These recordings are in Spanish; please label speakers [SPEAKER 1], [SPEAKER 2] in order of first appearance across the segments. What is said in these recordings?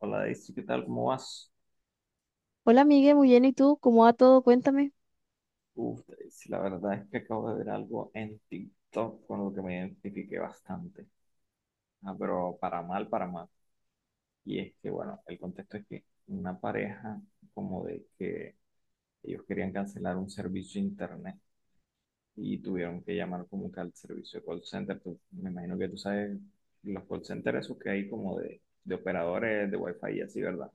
[SPEAKER 1] Hola Daisy, ¿qué tal? ¿Cómo vas?
[SPEAKER 2] Hola, Miguel, muy bien. ¿Y tú? ¿Cómo va todo? Cuéntame.
[SPEAKER 1] Uf, Daisy, la verdad es que acabo de ver algo en TikTok con lo que me identifiqué bastante. Ah, pero para mal, para mal. Y es que, bueno, el contexto es que una pareja como de que ellos querían cancelar un servicio de internet y tuvieron que llamar como que al servicio de call center. Me imagino que tú sabes los call centers esos que hay como de operadores de Wi-Fi y así, ¿verdad?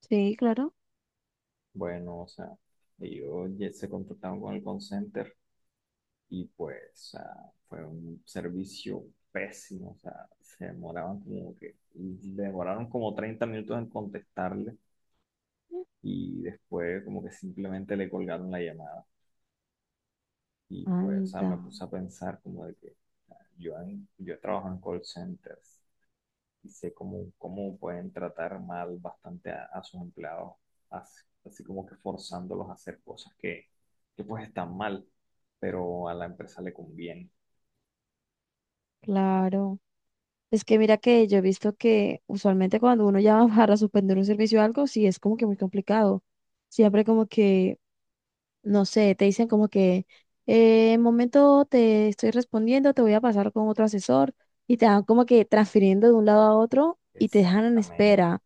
[SPEAKER 2] Sí, claro.
[SPEAKER 1] Bueno, o sea, ellos ya se contactaron con el call center y pues fue un servicio pésimo, o sea, se demoraban como que, demoraron como 30 minutos en contestarle, y después como que simplemente le colgaron la llamada. Y pues, o sea,
[SPEAKER 2] Anda,
[SPEAKER 1] me puse a pensar como de que yo he trabajado en call centers y sé cómo pueden tratar mal bastante a sus empleados, así, así como que forzándolos a hacer cosas que, pues están mal, pero a la empresa le conviene.
[SPEAKER 2] claro. Es que mira que yo he visto que usualmente cuando uno llama para suspender un servicio o algo, sí es como que muy complicado. Siempre como que, no sé, te dicen como que en momento te estoy respondiendo, te voy a pasar con otro asesor y te van como que transfiriendo de un lado a otro y te dejan en
[SPEAKER 1] Exactamente.
[SPEAKER 2] espera.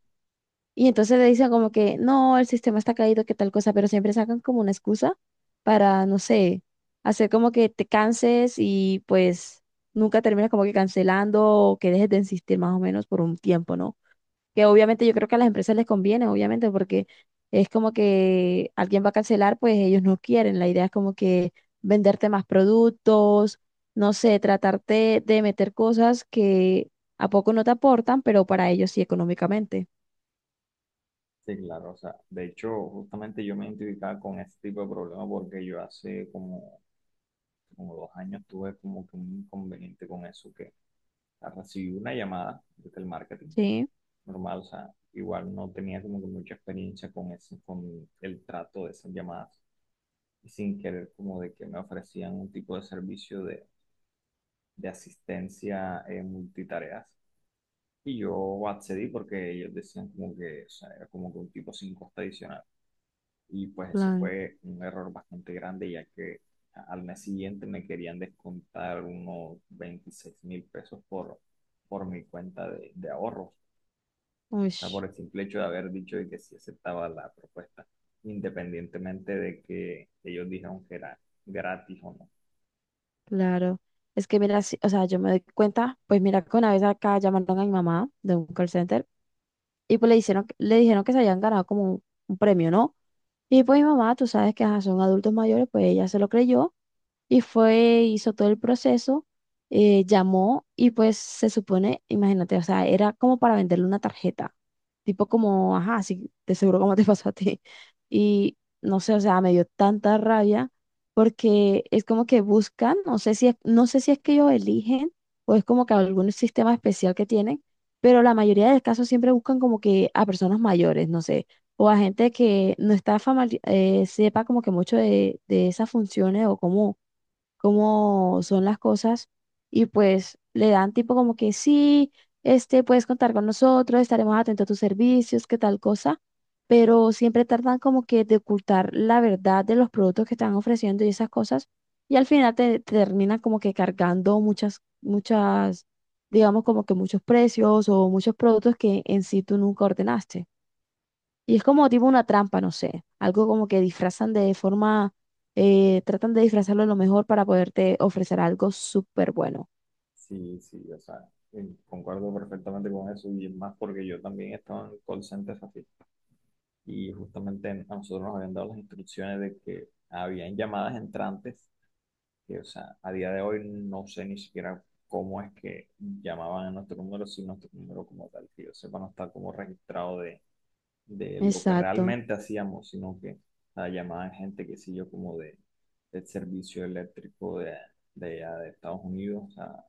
[SPEAKER 2] Y entonces le dicen como que, no, el sistema está caído, que tal cosa, pero siempre sacan como una excusa para, no sé, hacer como que te canses y pues nunca terminas como que cancelando o que dejes de insistir más o menos por un tiempo, ¿no? Que obviamente yo creo que a las empresas les conviene, obviamente, porque es como que alguien va a cancelar, pues ellos no quieren. La idea es como que venderte más productos, no sé, tratarte de meter cosas que a poco no te aportan, pero para ellos sí económicamente.
[SPEAKER 1] Sí, claro, o sea, de hecho, justamente yo me identificaba con este tipo de problemas porque yo hace como 2 años tuve como que un inconveniente con eso, que o sea, recibí una llamada desde el marketing
[SPEAKER 2] Sí.
[SPEAKER 1] normal. O sea, igual no tenía como que mucha experiencia con ese con el trato de esas llamadas, y sin querer como de que me ofrecían un tipo de servicio de asistencia en multitareas, y yo accedí porque ellos decían como que, o sea, era como que un tipo sin costo adicional. Y pues ese
[SPEAKER 2] Claro,
[SPEAKER 1] fue un error bastante grande, ya que al mes siguiente me querían descontar unos 26.000 pesos por mi cuenta de ahorros, o
[SPEAKER 2] uy,
[SPEAKER 1] sea, por el simple hecho de haber dicho de que sí aceptaba la propuesta, independientemente de que ellos dijeron que era gratis o no.
[SPEAKER 2] claro. Es que mira, sí, o sea, yo me doy cuenta, pues mira que una vez acá llamaron a mi mamá de un call center y pues le hicieron, le dijeron que se habían ganado como un premio, ¿no? Y pues mi mamá, tú sabes que ajá, son adultos mayores, pues ella se lo creyó. Y fue, hizo todo el proceso, llamó y pues se supone, imagínate, o sea, era como para venderle una tarjeta, tipo como, ajá, sí, de seguro como te pasó a ti. Y no sé, o sea, me dio tanta rabia porque es como que buscan, no sé si es, no sé si es que ellos eligen o es como que algún sistema especial que tienen, pero la mayoría de casos siempre buscan como que a personas mayores, no sé, o a gente que no está sepa como que mucho de esas funciones o cómo cómo son las cosas y pues le dan tipo como que sí, este, puedes contar con nosotros, estaremos atentos a tus servicios, qué tal cosa, pero siempre tardan como que de ocultar la verdad de los productos que están ofreciendo y esas cosas y al final te, te terminan como que cargando muchas, muchas, digamos como que muchos precios o muchos productos que en sí tú nunca ordenaste. Y es como tipo una trampa, no sé, algo como que disfrazan de forma, tratan de disfrazarlo lo mejor para poderte ofrecer algo súper bueno.
[SPEAKER 1] Sí, sí, o sea, concuerdo perfectamente con eso, y es más porque yo también estaba en call centers así. Y justamente a nosotros nos habían dado las instrucciones de que habían llamadas entrantes. Sí, o sea, a día de hoy no sé ni siquiera cómo es que llamaban a nuestro número, si nuestro número como tal, que yo sepa, no está como registrado de lo que
[SPEAKER 2] Exacto,
[SPEAKER 1] realmente hacíamos, sino que la llamada de gente que sé yo como de, del servicio eléctrico allá de Estados Unidos, o sea,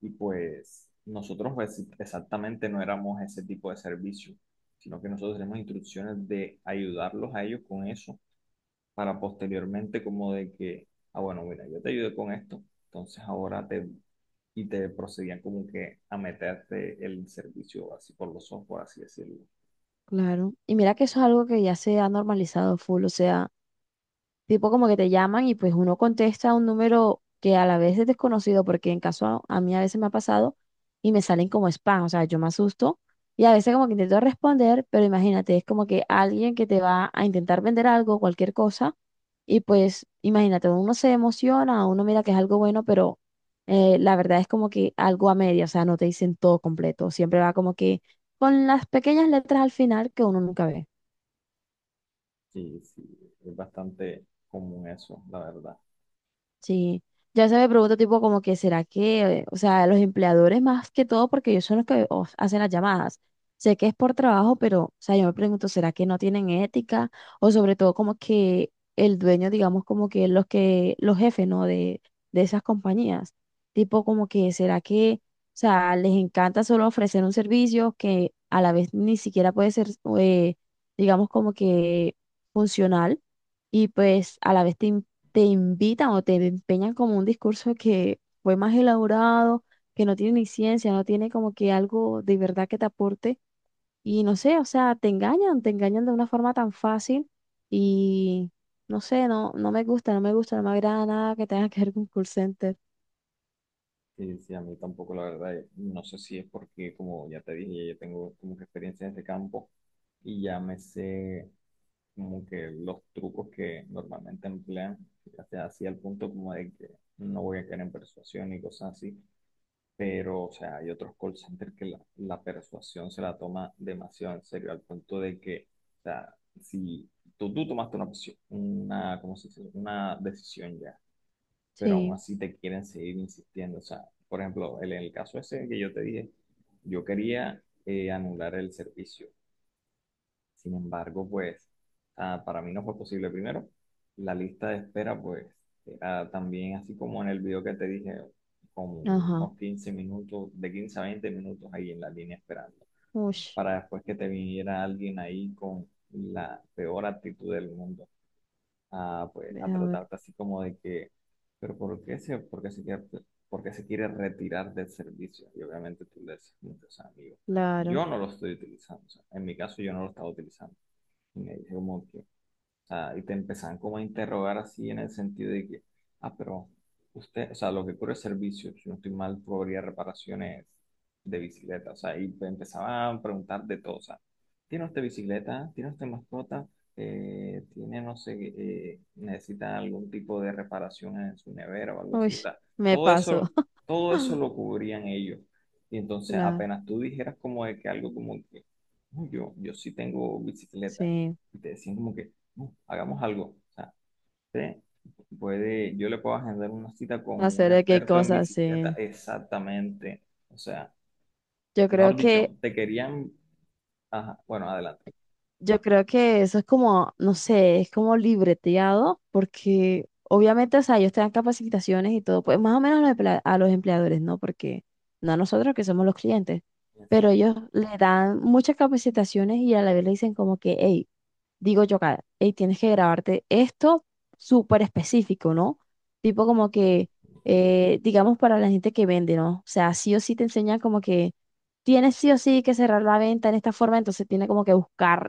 [SPEAKER 1] y pues nosotros pues exactamente no éramos ese tipo de servicio, sino que nosotros tenemos instrucciones de ayudarlos a ellos con eso para posteriormente como de que, ah, bueno, mira, yo te ayudé con esto, entonces ahora te, y te procedían como que a meterte el servicio así por los ojos, por así decirlo.
[SPEAKER 2] claro. Y mira que eso es algo que ya se ha normalizado full, o sea... tipo como que te llaman y pues uno contesta un número que a la vez es desconocido, porque en caso a mí a veces me ha pasado y me salen como spam, o sea, yo me asusto y a veces como que intento responder, pero imagínate, es como que alguien que te va a intentar vender algo, cualquier cosa, y pues imagínate, uno se emociona, uno mira que es algo bueno, pero la verdad es como que algo a media, o sea, no te dicen todo completo, siempre va como que con las pequeñas letras al final que uno nunca ve.
[SPEAKER 1] Sí, sí, es bastante común eso, la verdad.
[SPEAKER 2] Sí, ya se me pregunta tipo como que será que, o sea, los empleadores más que todo, porque ellos son los que hacen las llamadas. Sé que es por trabajo, pero, o sea, yo me pregunto, ¿será que no tienen ética? O sobre todo como que el dueño, digamos, como que, los jefes, ¿no? De esas compañías. Tipo como que, ¿será que, o sea, les encanta solo ofrecer un servicio que a la vez ni siquiera puede ser, eh, digamos, como que funcional? Y pues a la vez te te invitan o te empeñan como un discurso que fue más elaborado, que no tiene ni ciencia, no tiene como que algo de verdad que te aporte. Y no sé, o sea, te engañan de una forma tan fácil y no sé, no, no me gusta, no me gusta, no me agrada nada que tenga que ver con call center.
[SPEAKER 1] Sí, sí, a mí tampoco, la verdad. No sé si es porque, como ya te dije, ya yo tengo como que experiencia en este campo y ya me sé como que los trucos que normalmente emplean, ya sea así al punto como de que no voy a caer en persuasión y cosas así. Pero, o sea, hay otros call centers que la persuasión se la toma demasiado en serio, al punto de que, o sea, si tú tomaste una, una, ¿cómo se dice? Una decisión ya, pero aún
[SPEAKER 2] Sí,
[SPEAKER 1] así te quieren seguir insistiendo. O sea, por ejemplo, el en el caso ese que yo te dije, yo quería anular el servicio. Sin embargo, pues, para mí no fue posible. Primero, la lista de espera, pues, era también así como en el video que te dije, como
[SPEAKER 2] ajá.
[SPEAKER 1] unos 15 minutos, de 15 a 20 minutos ahí en la línea esperando,
[SPEAKER 2] Uy,
[SPEAKER 1] para después que te viniera alguien ahí con la peor actitud del mundo a, pues,
[SPEAKER 2] a
[SPEAKER 1] a
[SPEAKER 2] ver,
[SPEAKER 1] tratarte así como de que, pero ¿por qué se, por qué se quiere, ¿por qué se quiere retirar del servicio? Y obviamente tú le dices, como que, o sea, amigo,
[SPEAKER 2] claro.
[SPEAKER 1] yo no lo estoy utilizando, o sea, en mi caso yo no lo estaba utilizando. Y me dice como que, sea, y te empezaban como a interrogar así en el sentido de que, ah, pero usted, o sea, lo que cubre es servicio, si no estoy mal, cobraría reparaciones de bicicleta. O sea, y te empezaban a preguntar de todo, o sea, ¿tiene usted bicicleta? ¿Tiene usted mascota? ¿Tiene, no sé, necesita algún tipo de reparación en su nevera o algo así?
[SPEAKER 2] Uy,
[SPEAKER 1] O sea,
[SPEAKER 2] me
[SPEAKER 1] todo
[SPEAKER 2] paso.
[SPEAKER 1] eso, todo eso lo cubrían ellos. Y entonces
[SPEAKER 2] Claro,
[SPEAKER 1] apenas tú dijeras como de que algo como que: "Uy, yo sí tengo bicicleta".
[SPEAKER 2] sí.
[SPEAKER 1] Y te decían como que: hagamos algo. O sea, usted puede, yo le puedo agendar una cita con un
[SPEAKER 2] Hacer de qué
[SPEAKER 1] experto en
[SPEAKER 2] cosas,
[SPEAKER 1] bicicleta,
[SPEAKER 2] sí.
[SPEAKER 1] exactamente". O sea,
[SPEAKER 2] Yo creo
[SPEAKER 1] mejor
[SPEAKER 2] que
[SPEAKER 1] dicho, te querían, ajá, bueno, adelante.
[SPEAKER 2] yo creo que eso es como, no sé, es como libreteado, porque obviamente, o sea, ellos te dan capacitaciones y todo, pues más o menos a los a los empleadores, ¿no? Porque no a nosotros que somos los clientes, pero
[SPEAKER 1] Exacto.
[SPEAKER 2] ellos le dan muchas capacitaciones y a la vez le dicen como que, hey, digo yo acá, hey, tienes que grabarte esto súper específico, ¿no? Tipo como que, digamos para la gente que vende, ¿no? O sea, sí o sí te enseñan como que tienes sí o sí que cerrar la venta en esta forma, entonces tiene como que buscar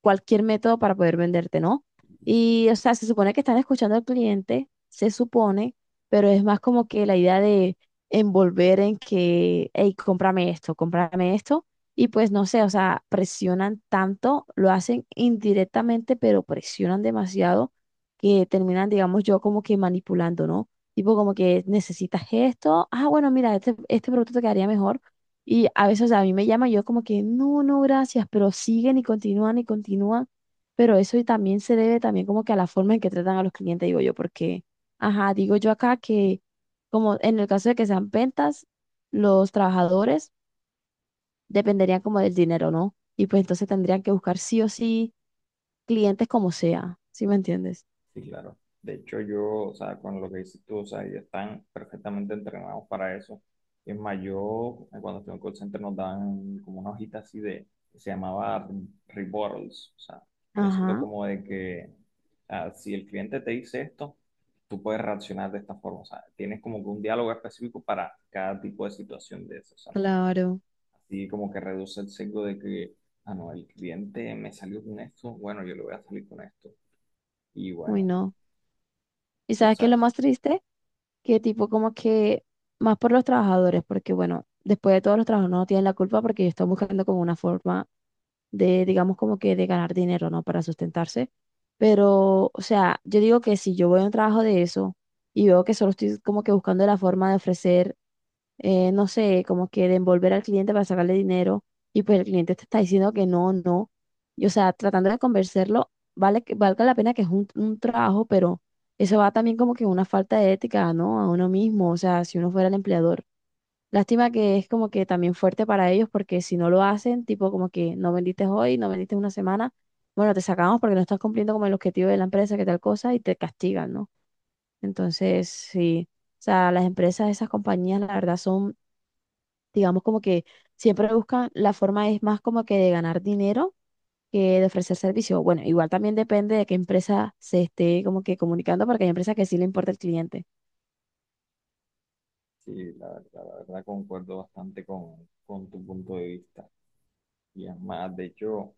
[SPEAKER 2] cualquier método para poder venderte, ¿no? Y, o sea, se supone que están escuchando al cliente, se supone, pero es más como que la idea de envolver en que, hey, cómprame esto, y pues no sé, o sea, presionan tanto, lo hacen indirectamente, pero presionan demasiado que terminan, digamos yo, como que manipulando, ¿no? Tipo como que necesitas esto, ah, bueno, mira, este producto te quedaría mejor y a veces a mí me llama, yo como que, no, no, gracias, pero siguen y continúan y continúan. Pero eso y también se debe también como que a la forma en que tratan a los clientes, digo yo, porque, ajá, digo yo acá que como en el caso de que sean ventas, los trabajadores dependerían como del dinero, ¿no? Y pues entonces tendrían que buscar sí o sí clientes como sea, ¿sí me entiendes?
[SPEAKER 1] Sí, claro. De hecho, yo, o sea, con lo que dices tú, o sea, ellos están perfectamente entrenados para eso. Es más, yo, cuando estuve en call center, nos daban como una hojita así de, que se llamaba rebuttals. O sea, yo siento
[SPEAKER 2] Ajá,
[SPEAKER 1] como de que, o sea, si el cliente te dice esto, tú puedes reaccionar de esta forma. O sea, tienes como que un diálogo específico para cada tipo de situación de eso. O sea, mejor dicho,
[SPEAKER 2] claro.
[SPEAKER 1] así como que reduce el sesgo de que, ah, no, el cliente me salió con esto, bueno, yo le voy a salir con esto. Y
[SPEAKER 2] Uy,
[SPEAKER 1] bueno.
[SPEAKER 2] no. ¿Y
[SPEAKER 1] Y, o
[SPEAKER 2] sabes qué es lo
[SPEAKER 1] sea,
[SPEAKER 2] más triste? Que tipo como que más por los trabajadores, porque bueno, después de todo los trabajadores no tienen la culpa porque están buscando como una forma de, digamos como que de ganar dinero, ¿no? Para sustentarse. Pero, o sea, yo digo que si yo voy a un trabajo de eso y veo que solo estoy como que buscando la forma de ofrecer no sé, como que de envolver al cliente para sacarle dinero y pues el cliente te está diciendo que no, no. Y o sea, tratando de convencerlo, vale que valga la pena que es un trabajo, pero eso va también como que una falta de ética, ¿no? A uno mismo, o sea, si uno fuera el empleador. Lástima que es como que también fuerte para ellos porque si no lo hacen, tipo como que no vendiste hoy, no vendiste una semana, bueno, te sacamos porque no estás cumpliendo como el objetivo de la empresa, que tal cosa, y te castigan, ¿no? Entonces, sí. O sea, las empresas, esas compañías, la verdad, son digamos como que siempre buscan la forma es más como que de ganar dinero que de ofrecer servicio. Bueno, igual también depende de qué empresa se esté como que comunicando, porque hay empresas que sí le importa el cliente.
[SPEAKER 1] sí, la verdad concuerdo bastante con tu punto de vista. Y es más, de hecho,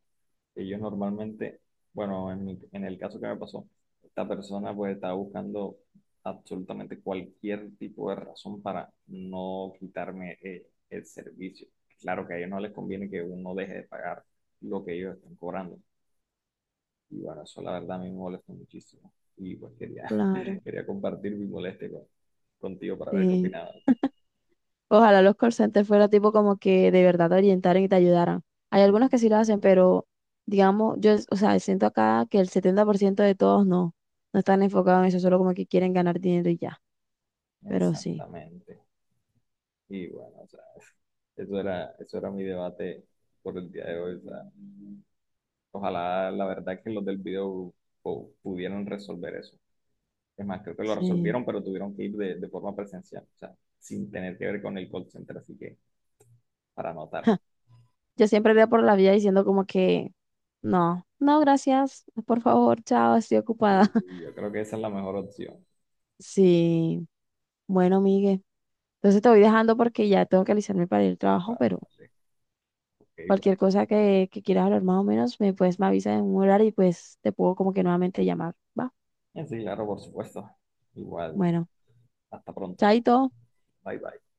[SPEAKER 1] ellos normalmente, bueno, en en el caso que me pasó, esta persona pues estaba buscando absolutamente cualquier tipo de razón para no quitarme el servicio. Claro que a ellos no les conviene que uno deje de pagar lo que ellos están cobrando. Y bueno, eso la verdad a mí me molesta muchísimo. Y pues quería,
[SPEAKER 2] Claro,
[SPEAKER 1] quería compartir mi molestia contigo para ver qué
[SPEAKER 2] sí.
[SPEAKER 1] opinabas.
[SPEAKER 2] Ojalá los call centers fuera tipo como que de verdad te orientaran y te ayudaran. Hay
[SPEAKER 1] Sí,
[SPEAKER 2] algunos que sí lo
[SPEAKER 1] sí.
[SPEAKER 2] hacen, pero digamos, yo, o sea, siento acá que el 70% de todos no, no están enfocados en eso, solo como que quieren ganar dinero y ya. Pero sí,
[SPEAKER 1] Exactamente. Y bueno, o sea, eso era mi debate por el día de hoy. O sea, ojalá la verdad que los del video pudieran resolver eso. Es más, creo que lo
[SPEAKER 2] sí.
[SPEAKER 1] resolvieron, pero tuvieron que ir de forma presencial, o sea, sin tener que ver con el call center, así que para anotar.
[SPEAKER 2] Yo siempre iría por la vida diciendo como que, no, no, gracias, por favor, chao, estoy ocupada.
[SPEAKER 1] Y yo creo que esa es la mejor opción.
[SPEAKER 2] Sí, bueno, Miguel. Entonces te voy dejando porque ya tengo que alisarme para ir al trabajo, pero
[SPEAKER 1] Vale, vale, ok, bueno.
[SPEAKER 2] cualquier cosa que quieras hablar más o menos, me, pues me avisas en un horario y pues te puedo como que nuevamente llamar, ¿va?
[SPEAKER 1] Sí, claro, por supuesto. Igual,
[SPEAKER 2] Bueno,
[SPEAKER 1] hasta pronto.
[SPEAKER 2] chaito.
[SPEAKER 1] Bye, bye.